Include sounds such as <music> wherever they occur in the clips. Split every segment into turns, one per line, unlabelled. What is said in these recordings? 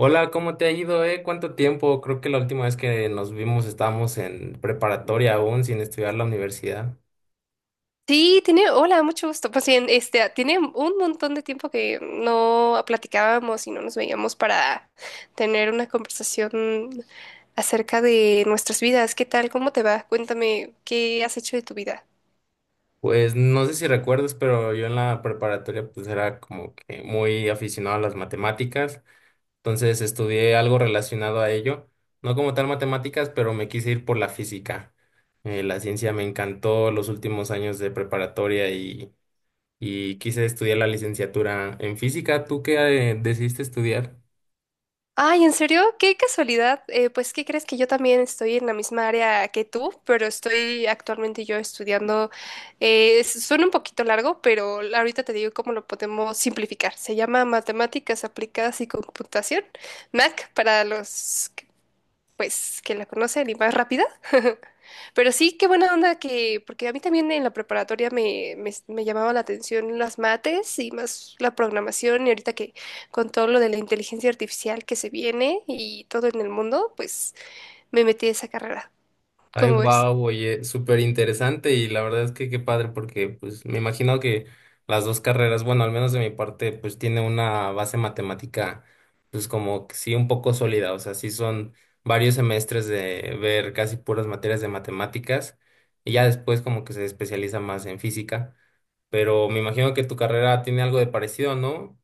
Hola, ¿cómo te ha ido? ¿Cuánto tiempo? Creo que la última vez que nos vimos estábamos en preparatoria aún sin estudiar la universidad.
Sí, hola, mucho gusto. Pues bien, tiene un montón de tiempo que no platicábamos y no nos veíamos para tener una conversación acerca de nuestras vidas. ¿Qué tal? ¿Cómo te va? Cuéntame, ¿qué has hecho de tu vida?
Pues no sé si recuerdas, pero yo en la preparatoria pues era como que muy aficionado a las matemáticas, entonces estudié algo relacionado a ello, no como tal matemáticas, pero me quise ir por la física. La ciencia me encantó los últimos años de preparatoria y quise estudiar la licenciatura en física. ¿Tú qué decidiste estudiar?
Ay, ¿en serio? Qué casualidad. Pues, ¿qué crees que yo también estoy en la misma área que tú? Pero estoy actualmente yo estudiando. Suena un poquito largo, pero ahorita te digo cómo lo podemos simplificar. Se llama Matemáticas Aplicadas y Computación, MAC, para los, que, pues, que la conocen y más rápida. <laughs> Pero sí, qué buena onda que, porque a mí también en la preparatoria me llamaba la atención las mates y más la programación y ahorita que con todo lo de la inteligencia artificial que se viene y todo en el mundo, pues me metí a esa carrera.
Ay,
¿Cómo ves?
wow, oye, súper interesante y la verdad es que qué padre porque pues me imagino que las dos carreras, bueno, al menos de mi parte, pues tiene una base matemática pues como que sí un poco sólida, o sea, sí son varios semestres de ver casi puras materias de matemáticas y ya después como que se especializa más en física, pero me imagino que tu carrera tiene algo de parecido, ¿no?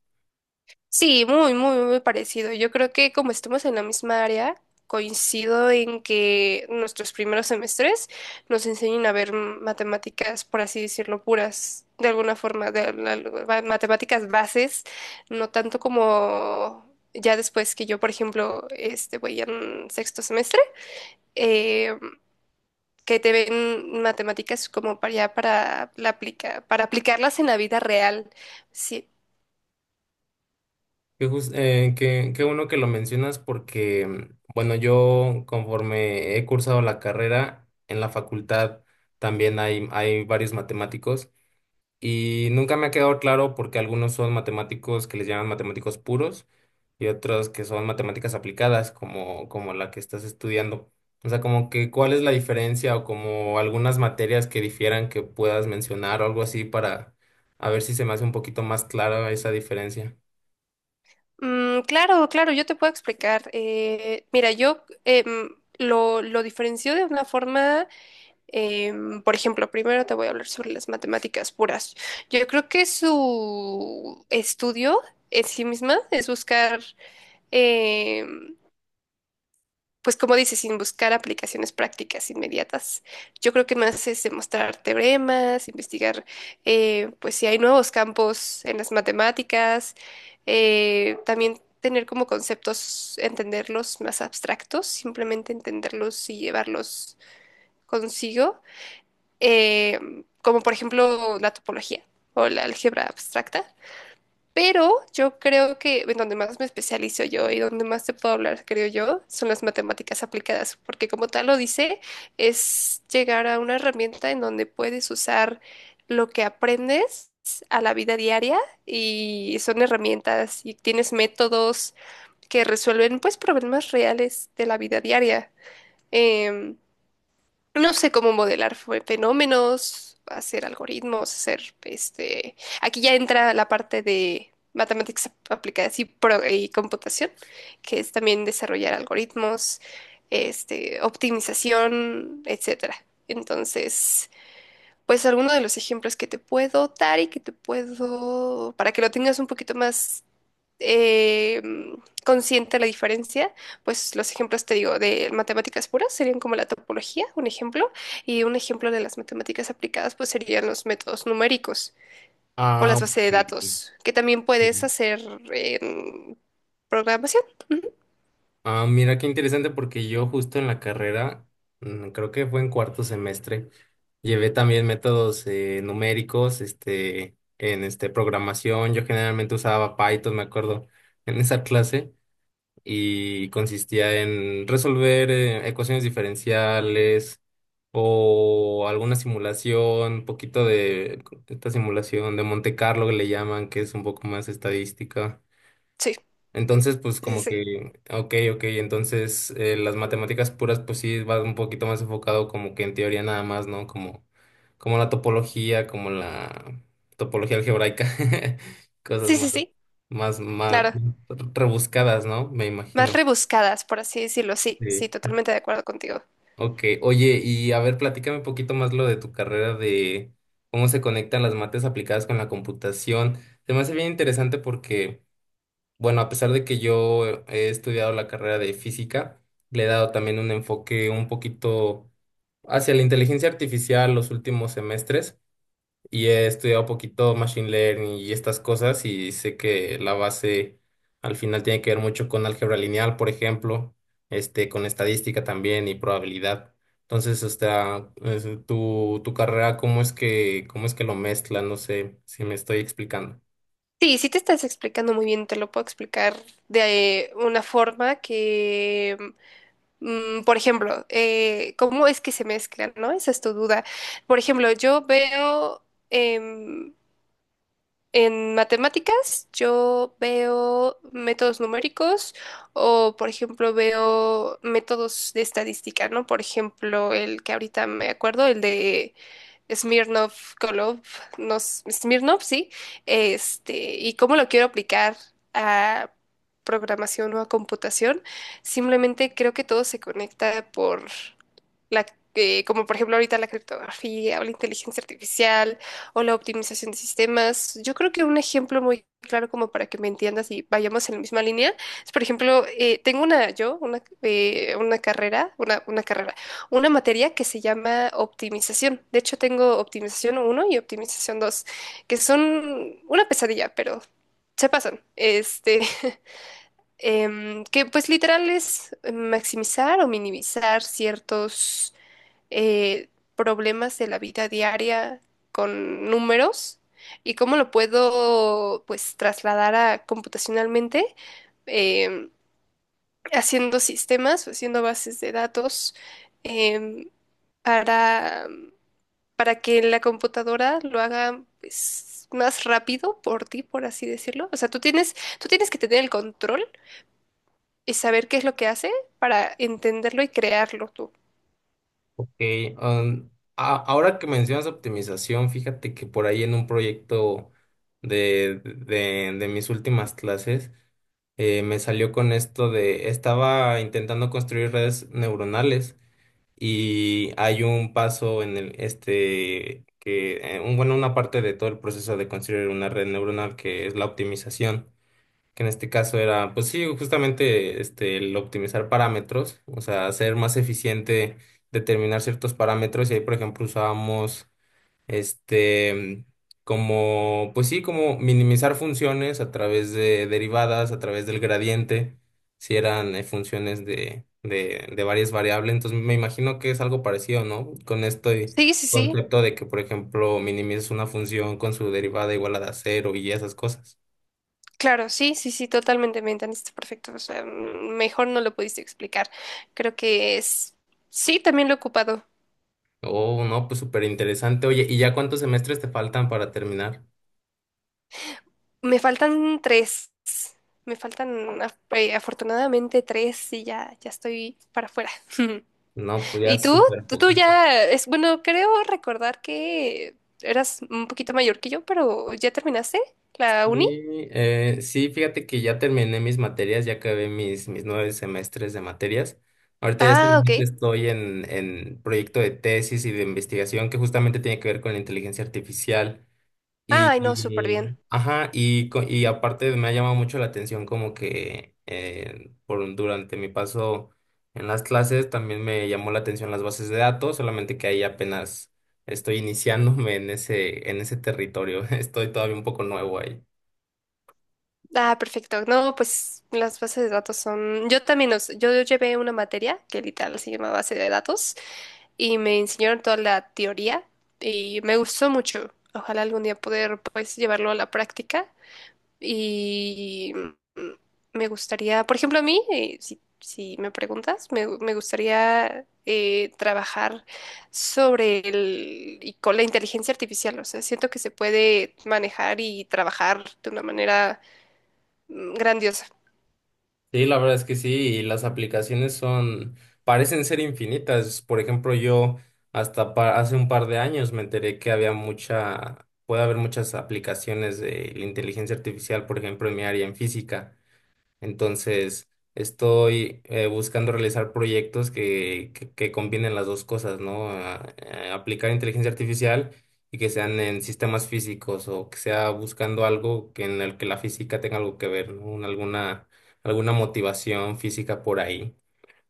Sí, muy, muy, muy parecido. Yo creo que como estamos en la misma área, coincido en que nuestros primeros semestres nos enseñen a ver matemáticas, por así decirlo, puras, de alguna forma, matemáticas bases, no tanto como ya después que yo, por ejemplo, voy en sexto semestre, eh, que te ven matemáticas como para ya para la aplica, para aplicarlas en la vida real. Sí.
Qué bueno que lo mencionas porque, bueno, yo conforme he cursado la carrera en la facultad también hay varios matemáticos y nunca me ha quedado claro porque algunos son matemáticos que les llaman matemáticos puros y otros que son matemáticas aplicadas como la que estás estudiando. O sea, como que cuál es la diferencia o como algunas materias que difieran que puedas mencionar o algo así para a ver si se me hace un poquito más clara esa diferencia.
Claro, claro, yo te puedo explicar. Mira, yo lo diferencio de una forma, por ejemplo, primero te voy a hablar sobre las matemáticas puras. Yo creo que su estudio en sí misma es buscar, em, pues como dices, sin buscar aplicaciones prácticas inmediatas. Yo creo que más es demostrar teoremas, investigar, pues si hay nuevos campos en las matemáticas, también tener como conceptos, entenderlos más abstractos, simplemente entenderlos y llevarlos consigo, eh, como por ejemplo la topología o la álgebra abstracta. Pero yo creo que en donde más me especializo yo y donde más te puedo hablar, creo yo, son las matemáticas aplicadas, porque como tal lo dice, es llegar a una herramienta en donde puedes usar lo que aprendes a la vida diaria y son herramientas y tienes métodos que resuelven pues problemas reales de la vida diaria. Em, no sé cómo modelar fenómenos, hacer algoritmos, hacer. Aquí ya entra la parte de matemáticas aplicadas y computación, que es también desarrollar algoritmos, optimización, etcétera. Entonces, pues alguno de los ejemplos que te puedo dar y que te puedo, para que lo tengas un poquito más eh, consciente la diferencia, pues los ejemplos, te digo, de matemáticas puras serían como la topología, un ejemplo, y un ejemplo de las matemáticas aplicadas, pues serían los métodos numéricos o
Ah,
las bases de
ok.
datos, que también puedes hacer en programación. Ujú.
Ah, mira qué interesante porque yo justo en la carrera, mm, creo que fue en cuarto semestre, llevé también métodos numéricos, este, en este programación. Yo generalmente usaba Python, me acuerdo, <laughs> en esa clase y consistía en resolver ecuaciones diferenciales o alguna simulación, un poquito de esta simulación de Monte Carlo que le llaman, que es un poco más estadística.
Sí,
Entonces, pues
sí,
como
sí.
que, ok, ok, entonces las matemáticas puras, pues sí, va un poquito más enfocado como que en teoría nada más, ¿no? Como la topología, como la topología algebraica, <laughs> cosas
Sí,
más,
sí, sí, sí,
más, más
claro.
rebuscadas, ¿no? Me
Más
imagino.
rebuscadas, por así decirlo. Sí, sí,
Sí.
totalmente de acuerdo contigo.
Ok, oye, y a ver, platícame un poquito más lo de tu carrera de cómo se conectan las mates aplicadas con la computación. Se me hace bien interesante porque bueno, a pesar de que yo he estudiado la carrera de física, le he dado también un enfoque un poquito hacia la inteligencia artificial los últimos semestres y he estudiado un poquito machine learning y estas cosas y sé que la base al final tiene que ver mucho con álgebra lineal, por ejemplo, este, con estadística también y probabilidad. Entonces, hasta tu carrera, cómo es que lo mezcla? No sé si me estoy explicando.
Sí, sí te estás explicando muy bien, te lo puedo explicar de una forma que. Por ejemplo, ¿cómo es que se mezclan, no? Esa es tu duda. Por ejemplo, yo veo em, en matemáticas, yo veo métodos numéricos o, por ejemplo, veo métodos de estadística, ¿no? Por ejemplo, el que ahorita me acuerdo, el de Smirnov, Kolov, no, Smirnov, sí, y cómo lo quiero aplicar a programación o a computación, simplemente creo que todo se conecta por la, como por ejemplo ahorita la criptografía o la inteligencia artificial o la optimización de sistemas. Yo creo que un ejemplo muy claro como para que me entiendas y vayamos en la misma línea es, por ejemplo, tengo una carrera, una materia que se llama optimización. De hecho, tengo optimización uno y optimización 2, que son una pesadilla, pero se pasan. <laughs> Que pues literal es maximizar o minimizar ciertos eh, problemas de la vida diaria con números y cómo lo puedo pues trasladar a computacionalmente em, haciendo sistemas, haciendo bases de datos em, para, para que la computadora lo haga pues, más rápido por ti, por así decirlo. O sea, tú tienes que tener el control y saber qué es lo que hace para entenderlo y crearlo tú.
Ok, ahora que mencionas optimización, fíjate que por ahí en un proyecto de mis últimas clases me salió con esto de, estaba intentando construir redes neuronales y hay un paso en el, este, que, bueno, una parte de todo el proceso de construir una red neuronal que es la optimización que en este caso era, pues sí, justamente este, el optimizar parámetros, o sea, hacer más eficiente determinar ciertos parámetros y ahí, por ejemplo, usábamos este como, pues sí, como minimizar funciones a través de derivadas, a través del gradiente, si eran funciones de varias variables, entonces me imagino que es algo parecido, ¿no? Con este
Sí, sí, sí.
concepto de que, por ejemplo, minimizas una función con su derivada igual a cero y esas cosas.
Claro, sí, sí, sí, totalmente me entendiste perfecto. O sea, mejor no lo pudiste explicar. Creo que es... Sí, también lo he ocupado.
Oh, no, pues súper interesante. Oye, ¿y ya cuántos semestres te faltan para terminar?
Me faltan tres. Me faltan afortunadamente tres y ya estoy para afuera. <laughs>
No, pues ya
¿Y tú?
súper
Tú
poquito.
ya es bueno, creo recordar que eras un poquito mayor que yo, pero ¿ya terminaste la uni?
Y, sí, fíjate que ya terminé mis materias, ya acabé mis 9 semestres de materias. Ahorita ya
Ah,
solamente
ok.
estoy en proyecto de tesis y de investigación que justamente tiene que ver con la inteligencia artificial. Y,
Ay, no, súper bien.
ajá, y, y aparte me ha llamado mucho la atención como que durante mi paso en las clases también me llamó la atención las bases de datos, solamente que ahí apenas estoy iniciándome en ese territorio, <laughs> estoy todavía un poco nuevo ahí.
Ah, perfecto. No, pues las bases de datos son. Yo también, yo llevé una materia que literal se llama base de datos y me enseñaron toda la teoría y me gustó mucho. Ojalá algún día poder pues llevarlo a la práctica y mm, me gustaría, por ejemplo, a mí, si me preguntas, me gustaría trabajar sobre el y con la inteligencia artificial. O sea, siento que se puede manejar y trabajar de una manera grandiosa.
Sí, la verdad es que sí, y las aplicaciones parecen ser infinitas. Por ejemplo, yo hasta hace un par de años me enteré que había mucha, puede haber muchas aplicaciones de la inteligencia artificial, por ejemplo, en mi área en física. Entonces, estoy buscando realizar proyectos que combinen las dos cosas, ¿no? Aplicar inteligencia artificial y que sean en sistemas físicos o que sea buscando algo que en el que la física tenga algo que ver, ¿no? Alguna motivación física por ahí.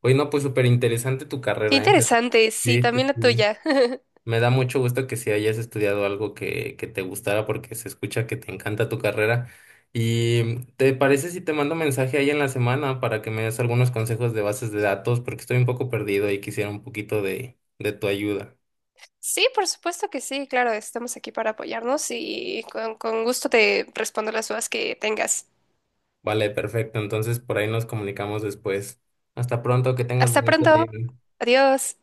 Oye, no, pues súper interesante tu
Qué
carrera, ¿eh?
interesante, sí,
Sí, sí,
también la
sí.
tuya. <laughs>
Me da mucho gusto que si hayas estudiado algo que te gustara porque se escucha que te encanta tu carrera. ¿Y te parece si te mando mensaje ahí en la semana para que me des algunos consejos de bases de datos? Porque estoy un poco perdido y quisiera un poquito de tu ayuda.
Sí, por supuesto que sí, claro, estamos aquí para apoyarnos y con gusto te respondo las dudas que tengas.
Vale, perfecto. Entonces por ahí nos comunicamos después. Hasta pronto, que tengas
Hasta
bonito
pronto.
día.
Adiós.